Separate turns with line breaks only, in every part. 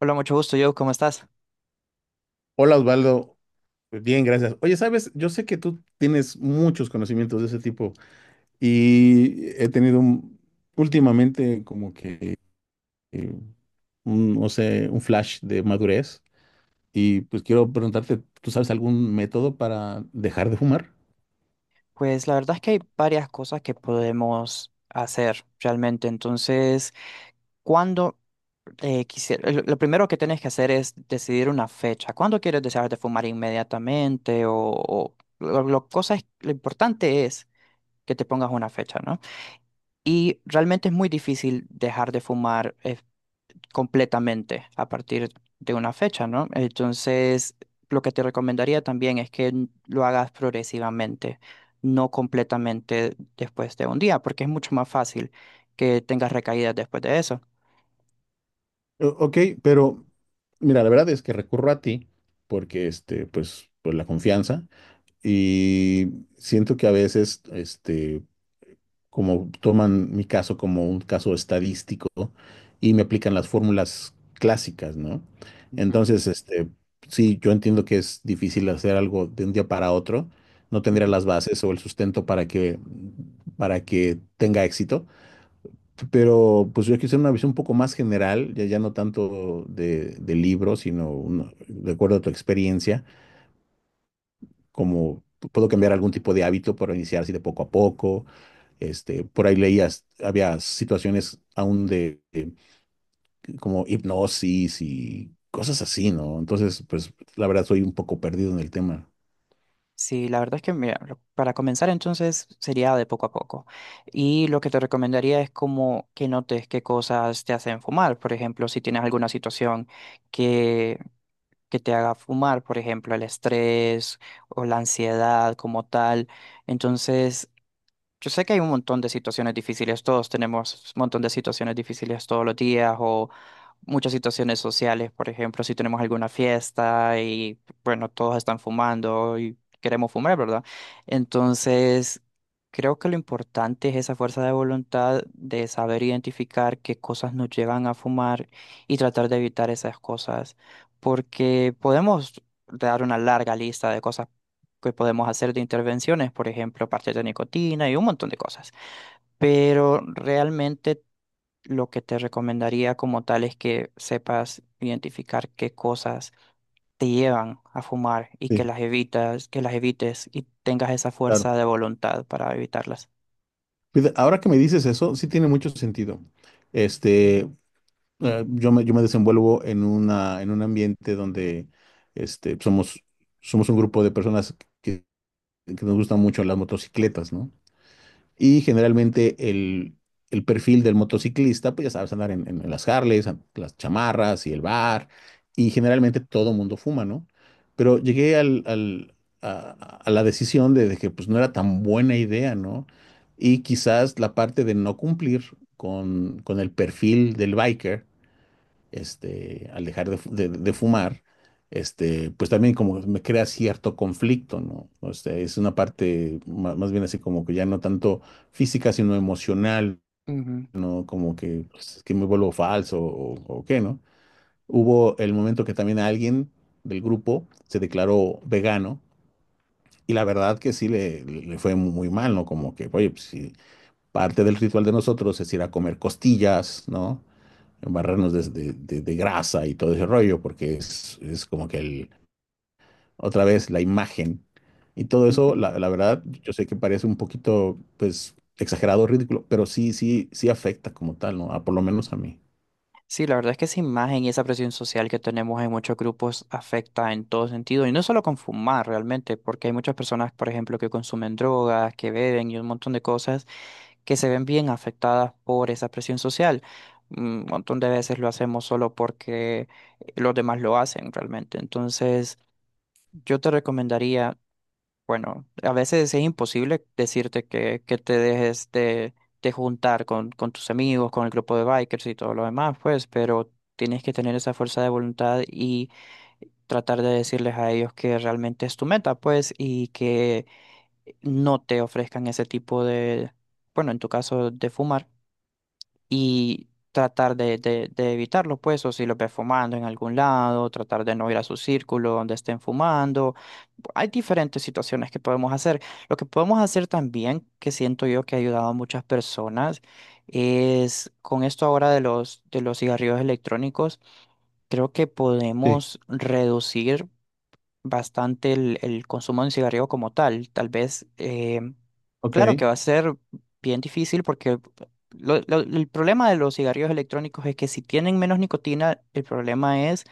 Hola, mucho gusto, Joe. ¿Cómo estás?
Hola Osvaldo, bien, gracias. Oye, sabes, yo sé que tú tienes muchos conocimientos de ese tipo y últimamente como que eh, un, no sé, un flash de madurez y pues quiero preguntarte, ¿tú sabes algún método para dejar de fumar?
Pues la verdad es que hay varias cosas que podemos hacer realmente. Entonces, cuando lo primero que tienes que hacer es decidir una fecha. ¿Cuándo quieres dejar de fumar inmediatamente? Lo importante es que te pongas una fecha, ¿no? Y realmente es muy difícil dejar de fumar, completamente a partir de una fecha, ¿no? Entonces, lo que te recomendaría también es que lo hagas progresivamente, no completamente después de un día, porque es mucho más fácil que tengas recaídas después de eso.
Ok, pero mira, la verdad es que recurro a ti porque, este, pues, por la confianza y siento que a veces, este, como toman mi caso como un caso estadístico y me aplican las fórmulas clásicas, ¿no?
Ujú,
Entonces, este, sí, yo entiendo que es difícil hacer algo de un día para otro, no tendría
ujú.
las bases o el sustento para que tenga éxito, pero pues yo quise una visión un poco más general, ya, ya no tanto de libro, sino de acuerdo a tu experiencia, como puedo cambiar algún tipo de hábito para iniciar así de poco a poco este, por ahí leías, había situaciones aún de como hipnosis y cosas así, ¿no? Entonces, pues la verdad soy un poco perdido en el tema.
Sí, la verdad es que mira, para comenzar entonces sería de poco a poco. Y lo que te recomendaría es como que notes qué cosas te hacen fumar. Por ejemplo, si tienes alguna situación que te haga fumar, por ejemplo, el estrés o la ansiedad como tal. Entonces, yo sé que hay un montón de situaciones difíciles, todos tenemos un montón de situaciones difíciles todos los días o muchas situaciones sociales, por ejemplo, si tenemos alguna fiesta y bueno, todos están fumando y queremos fumar, ¿verdad? Entonces, creo que lo importante es esa fuerza de voluntad de saber identificar qué cosas nos llevan a fumar y tratar de evitar esas cosas, porque podemos dar una larga lista de cosas que podemos hacer de intervenciones, por ejemplo, parches de nicotina y un montón de cosas. Pero realmente lo que te recomendaría como tal es que sepas identificar qué cosas te llevan a fumar y que
Sí,
las evitas, que las evites y tengas esa
claro.
fuerza de voluntad para evitarlas.
Fíjate, ahora que me dices eso, sí tiene mucho sentido. Este, yo me desenvuelvo en una, en un ambiente donde este, somos un grupo de personas que, que nos gustan mucho las motocicletas, ¿no? Y generalmente el perfil del motociclista, pues ya sabes, andar en las Harleys, las chamarras y el bar, y generalmente todo mundo fuma, ¿no? Pero llegué al, al- a, a la decisión de que pues no era tan buena idea, ¿no? Y quizás la parte de no cumplir con el perfil del biker este, al dejar de fumar, este, pues también como me crea cierto conflicto, ¿no? O sea, es una parte más, bien así como que ya no tanto física, sino emocional,
Ujú,
¿no? Como que, pues, que me vuelvo falso o qué, ¿no? Hubo el momento que también alguien del grupo se declaró vegano y la verdad que sí le fue muy mal, ¿no? Como que, oye, pues sí, parte del ritual de nosotros es ir a comer costillas, ¿no? Barrernos de grasa y todo ese rollo, porque es como que el, otra vez la imagen y todo eso,
ujú.
la verdad, yo sé que parece un poquito, pues, exagerado, ridículo, pero sí, sí, sí afecta como tal, ¿no? Ah, por lo menos a mí.
Sí, la verdad es que esa imagen y esa presión social que tenemos en muchos grupos afecta en todo sentido, y no solo con fumar realmente, porque hay muchas personas, por ejemplo, que consumen drogas, que beben y un montón de cosas que se ven bien afectadas por esa presión social. Un montón de veces lo hacemos solo porque los demás lo hacen realmente. Entonces, yo te recomendaría bueno, a veces es imposible decirte que te dejes de juntar con tus amigos, con el grupo de bikers y todo lo demás, pues, pero tienes que tener esa fuerza de voluntad y tratar de decirles a ellos que realmente es tu meta, pues, y que no te ofrezcan ese tipo de, bueno, en tu caso, de fumar y tratar de evitarlo, pues, o si los ve fumando en algún lado, tratar de no ir a su círculo donde estén fumando. Hay diferentes situaciones que podemos hacer. Lo que podemos hacer también, que siento yo que ha ayudado a muchas personas, es con esto ahora de de los cigarrillos electrónicos, creo que
Sí,
podemos reducir bastante el consumo de un cigarrillo como tal. Tal vez,
ok,
claro que va a ser bien difícil porque el problema de los cigarrillos electrónicos es que si tienen menos nicotina, el problema es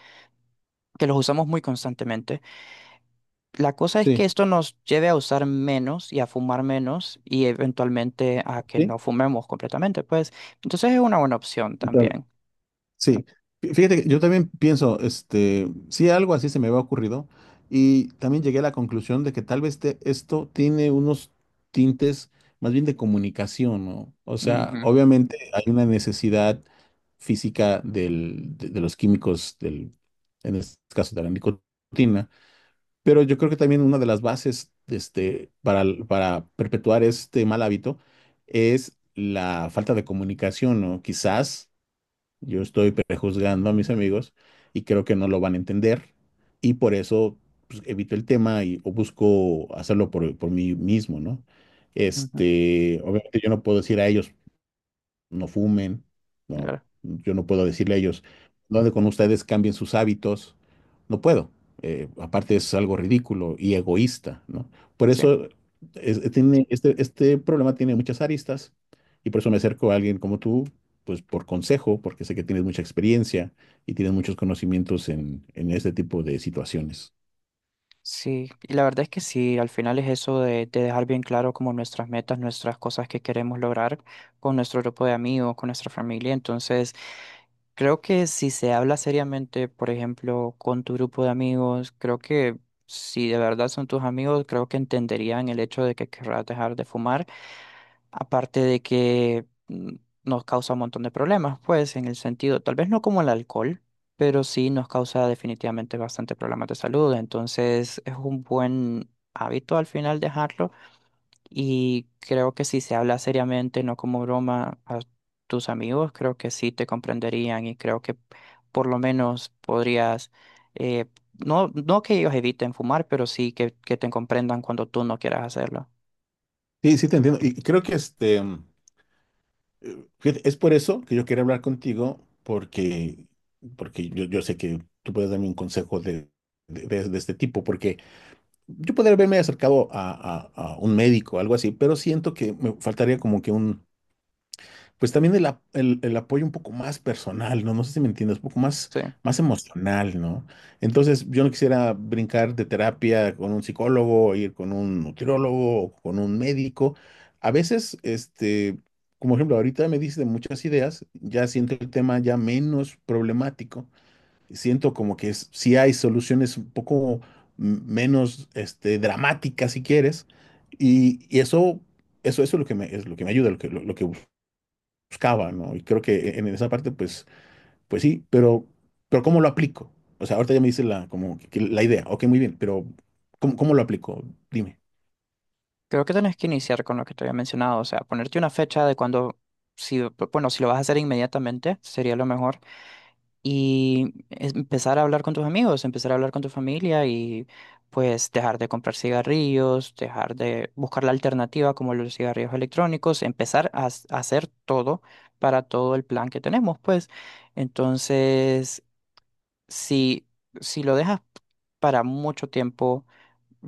que los usamos muy constantemente. La cosa es que
sí.
esto nos lleve a usar menos y a fumar menos y eventualmente a que
¿Sí?
no fumemos completamente, pues. Entonces es una buena opción también.
Sí, fíjate, que yo también pienso, este, sí, algo así se me había ocurrido y también llegué a la conclusión de que esto tiene unos tintes más bien de comunicación, ¿no? O sea, obviamente hay una necesidad física de los químicos, del, en este caso de la nicotina, pero yo creo que también una de las bases, este, para perpetuar este mal hábito es la falta de comunicación, ¿no? Quizás yo estoy prejuzgando a mis amigos y creo que no lo van a entender y por eso pues, evito el tema y o busco hacerlo por mí mismo, ¿no?
Ujú, ujú,
Este, obviamente yo no puedo decir a ellos, no fumen, no,
claro,
yo no puedo decirle a ellos, ¿dónde con ustedes cambien sus hábitos? No puedo. Aparte es algo ridículo y egoísta, ¿no? Por
sí.
eso tiene, este problema tiene muchas aristas y por eso me acerco a alguien como tú, pues por consejo, porque sé que tienes mucha experiencia y tienes muchos conocimientos en este tipo de situaciones.
Sí, y la verdad es que sí, al final es eso de dejar bien claro como nuestras metas, nuestras cosas que queremos lograr con nuestro grupo de amigos, con nuestra familia. Entonces, creo que si se habla seriamente, por ejemplo, con tu grupo de amigos, creo que si de verdad son tus amigos, creo que entenderían el hecho de que querrás dejar de fumar. Aparte de que nos causa un montón de problemas, pues, en el sentido, tal vez no como el alcohol, pero sí nos causa definitivamente bastante problemas de salud. Entonces, es un buen hábito al final dejarlo. Y creo que si se habla seriamente, no como broma, a tus amigos, creo que sí te comprenderían y creo que por lo menos podrías, eh, no, no que ellos eviten fumar, pero sí que te comprendan cuando tú no quieras hacerlo.
Sí, sí te entiendo. Y creo que este... Fíjate, es por eso que yo quería hablar contigo, porque, porque yo sé que tú puedes darme un consejo de este tipo, porque yo podría haberme acercado a un médico, algo así, pero siento que me faltaría como que un, pues también el apoyo un poco más personal, ¿no? No sé si me entiendes, un poco más,
Sí,
más emocional, ¿no? Entonces, yo no quisiera brincar de terapia con un psicólogo, o ir con un nutriólogo, o con un médico. A veces, este, como ejemplo, ahorita me dices de muchas ideas, ya siento el tema ya menos problemático. Siento como que sí hay soluciones un poco menos, este, dramáticas, si quieres. Y eso es lo que me, es lo que me ayuda, lo que buscaba, ¿no? Y creo que en esa parte, pues, pues sí, pero ¿cómo lo aplico? O sea, ahorita ya me dice la, que la idea, ok, muy bien, pero ¿cómo, cómo lo aplico? Dime.
creo que tenés que iniciar con lo que te había mencionado, o sea, ponerte una fecha de cuando, si, bueno, si lo vas a hacer inmediatamente, sería lo mejor, y empezar a hablar con tus amigos, empezar a hablar con tu familia y pues dejar de comprar cigarrillos, dejar de buscar la alternativa como los cigarrillos electrónicos, empezar a hacer todo para todo el plan que tenemos, pues. Entonces, si, si lo dejas para mucho tiempo.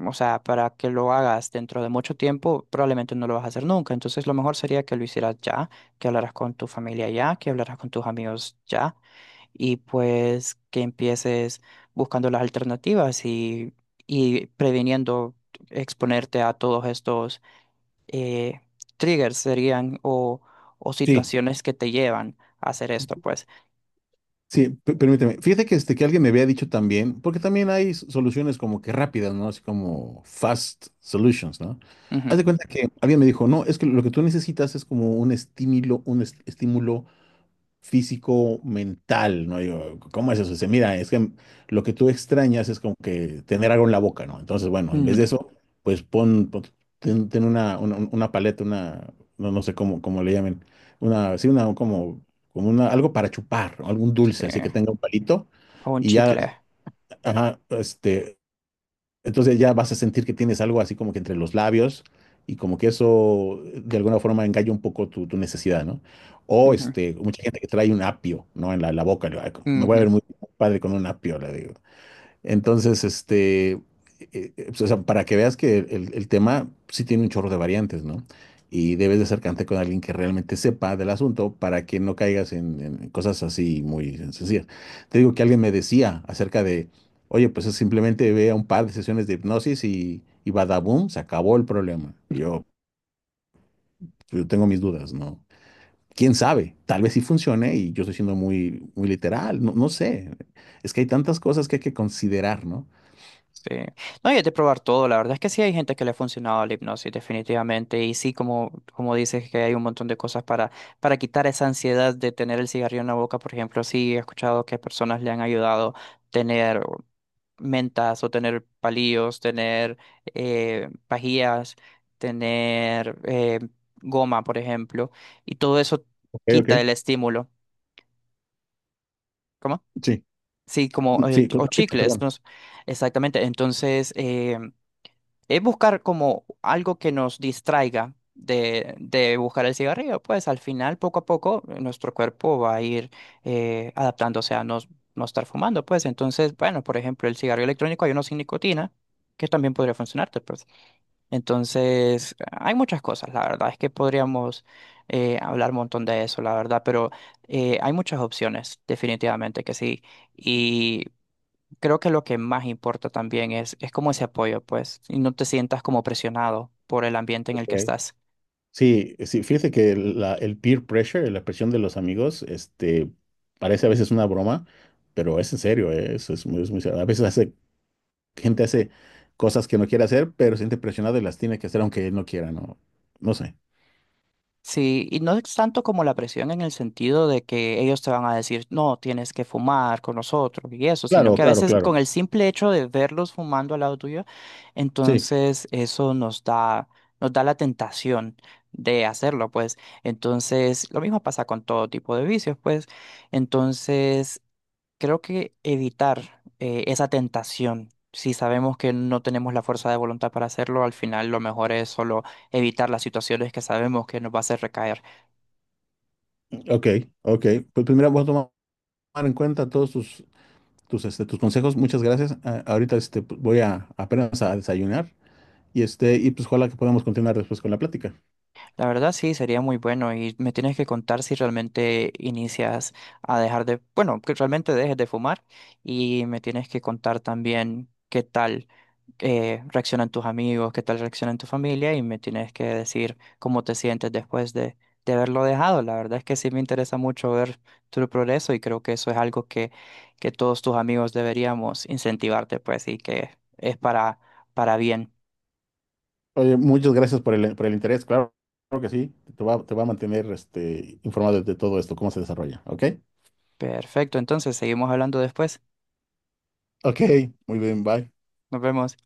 O sea, para que lo hagas dentro de mucho tiempo, probablemente no lo vas a hacer nunca. Entonces, lo mejor sería que lo hicieras ya, que hablaras con tu familia ya, que hablaras con tus amigos ya, y pues que empieces buscando las alternativas y previniendo exponerte a todos estos eh, triggers serían o
Sí,
situaciones que te llevan a hacer esto, pues.
sí, permíteme. Fíjate que, este, que alguien me había dicho también, porque también hay soluciones como que rápidas, ¿no? Así como fast solutions, ¿no?
Ujú,
Haz de cuenta que alguien me dijo, no, es que lo que tú necesitas es como un estímulo, un estímulo físico, mental, ¿no? Yo, ¿cómo es eso? Dice, mira, es que lo que tú extrañas es como que tener algo en la boca, ¿no? Entonces, bueno, en vez de
ujú,
eso, pues ten, ten una paleta, una, no, no sé cómo, cómo le llamen, una, sí, una, como, como una, algo para chupar, ¿no? Algún
sí,
dulce, así que tenga un palito
o un
y ya,
chicle.
ajá, este, entonces ya vas a sentir que tienes algo así como que entre los labios y como que eso de alguna forma engaña un poco tu, tu necesidad, ¿no? O
Ujú,
este, mucha gente que trae un apio, ¿no? En la boca, le va, me voy a
ujú.
ver muy padre con un apio, le digo. Entonces, este, pues, o sea, para que veas que el tema sí tiene un chorro de variantes, ¿no? Y debes de acercarte con alguien que realmente sepa del asunto para que no caigas en cosas así muy sencillas. Te digo que alguien me decía acerca de, oye, pues es simplemente ve a un par de sesiones de hipnosis y badaboom, se acabó el problema. Y yo tengo mis dudas, ¿no? ¿Quién sabe? Tal vez sí funcione y yo estoy siendo muy, muy literal, no, no sé. Es que hay tantas cosas que hay que considerar, ¿no?
Sí. No, y de probar todo. La verdad es que sí hay gente que le ha funcionado la hipnosis, definitivamente. Y sí, como, como dices, que hay un montón de cosas para quitar esa ansiedad de tener el cigarrillo en la boca. Por ejemplo, sí he escuchado que personas le han ayudado tener mentas o tener palillos, tener pajillas, tener goma, por ejemplo. Y todo eso
Ok, ok.
quita el estímulo. ¿Cómo?
Sí.
Sí, como
Sí,
o
continúa,
chicles, no,
perdón.
sé. Exactamente. Entonces, es buscar como algo que nos distraiga de buscar el cigarrillo. Pues al final, poco a poco, nuestro cuerpo va a ir adaptándose a no, no estar fumando. Pues entonces, bueno, por ejemplo, el cigarrillo electrónico hay uno sin nicotina, que también podría funcionarte. Pues. Entonces, hay muchas cosas. La verdad es que podríamos hablar un montón de eso, la verdad, pero hay muchas opciones, definitivamente que sí. Y creo que lo que más importa también es como ese apoyo, pues, y no te sientas como presionado por el ambiente en
Ok.
el que estás.
Sí, sí, fíjese que el peer pressure, la presión de los amigos, este, parece a veces una broma, pero es en serio, eso es muy serio. A veces hace, gente hace cosas que no quiere hacer, pero se siente presionada y las tiene que hacer aunque él no quiera, no, no sé.
Sí, y no es tanto como la presión en el sentido de que ellos te van a decir, no, tienes que fumar con nosotros y eso, sino
Claro,
que a
claro,
veces con
claro.
el simple hecho de verlos fumando al lado tuyo,
Sí,
entonces eso nos da la tentación de hacerlo, pues. Entonces, lo mismo pasa con todo tipo de vicios, pues. Entonces, creo que evitar esa tentación, si sabemos que no tenemos la fuerza de voluntad para hacerlo, al final lo mejor es solo evitar las situaciones que sabemos que nos va a hacer recaer.
ok, ok. Pues primero voy a tomar en cuenta todos tus, tus, este, tus consejos. Muchas gracias. Ah, ahorita este, voy a apenas a desayunar y este, y pues ojalá que podamos continuar después con la plática.
La verdad sí, sería muy bueno y me tienes que contar si realmente inicias a dejar de, bueno, que realmente dejes de fumar y me tienes que contar también qué tal, reaccionan tus amigos, qué tal reaccionan tu familia y me tienes que decir cómo te sientes después de haberlo dejado. La verdad es que sí me interesa mucho ver tu progreso y creo que eso es algo que todos tus amigos deberíamos incentivarte, pues, y que es para bien.
Oye, muchas gracias por el interés, claro, claro que sí, te va a mantener este, informado de todo esto, cómo se desarrolla, ¿ok?
Perfecto, entonces seguimos hablando después.
Ok, muy bien, bye.
Nos vemos.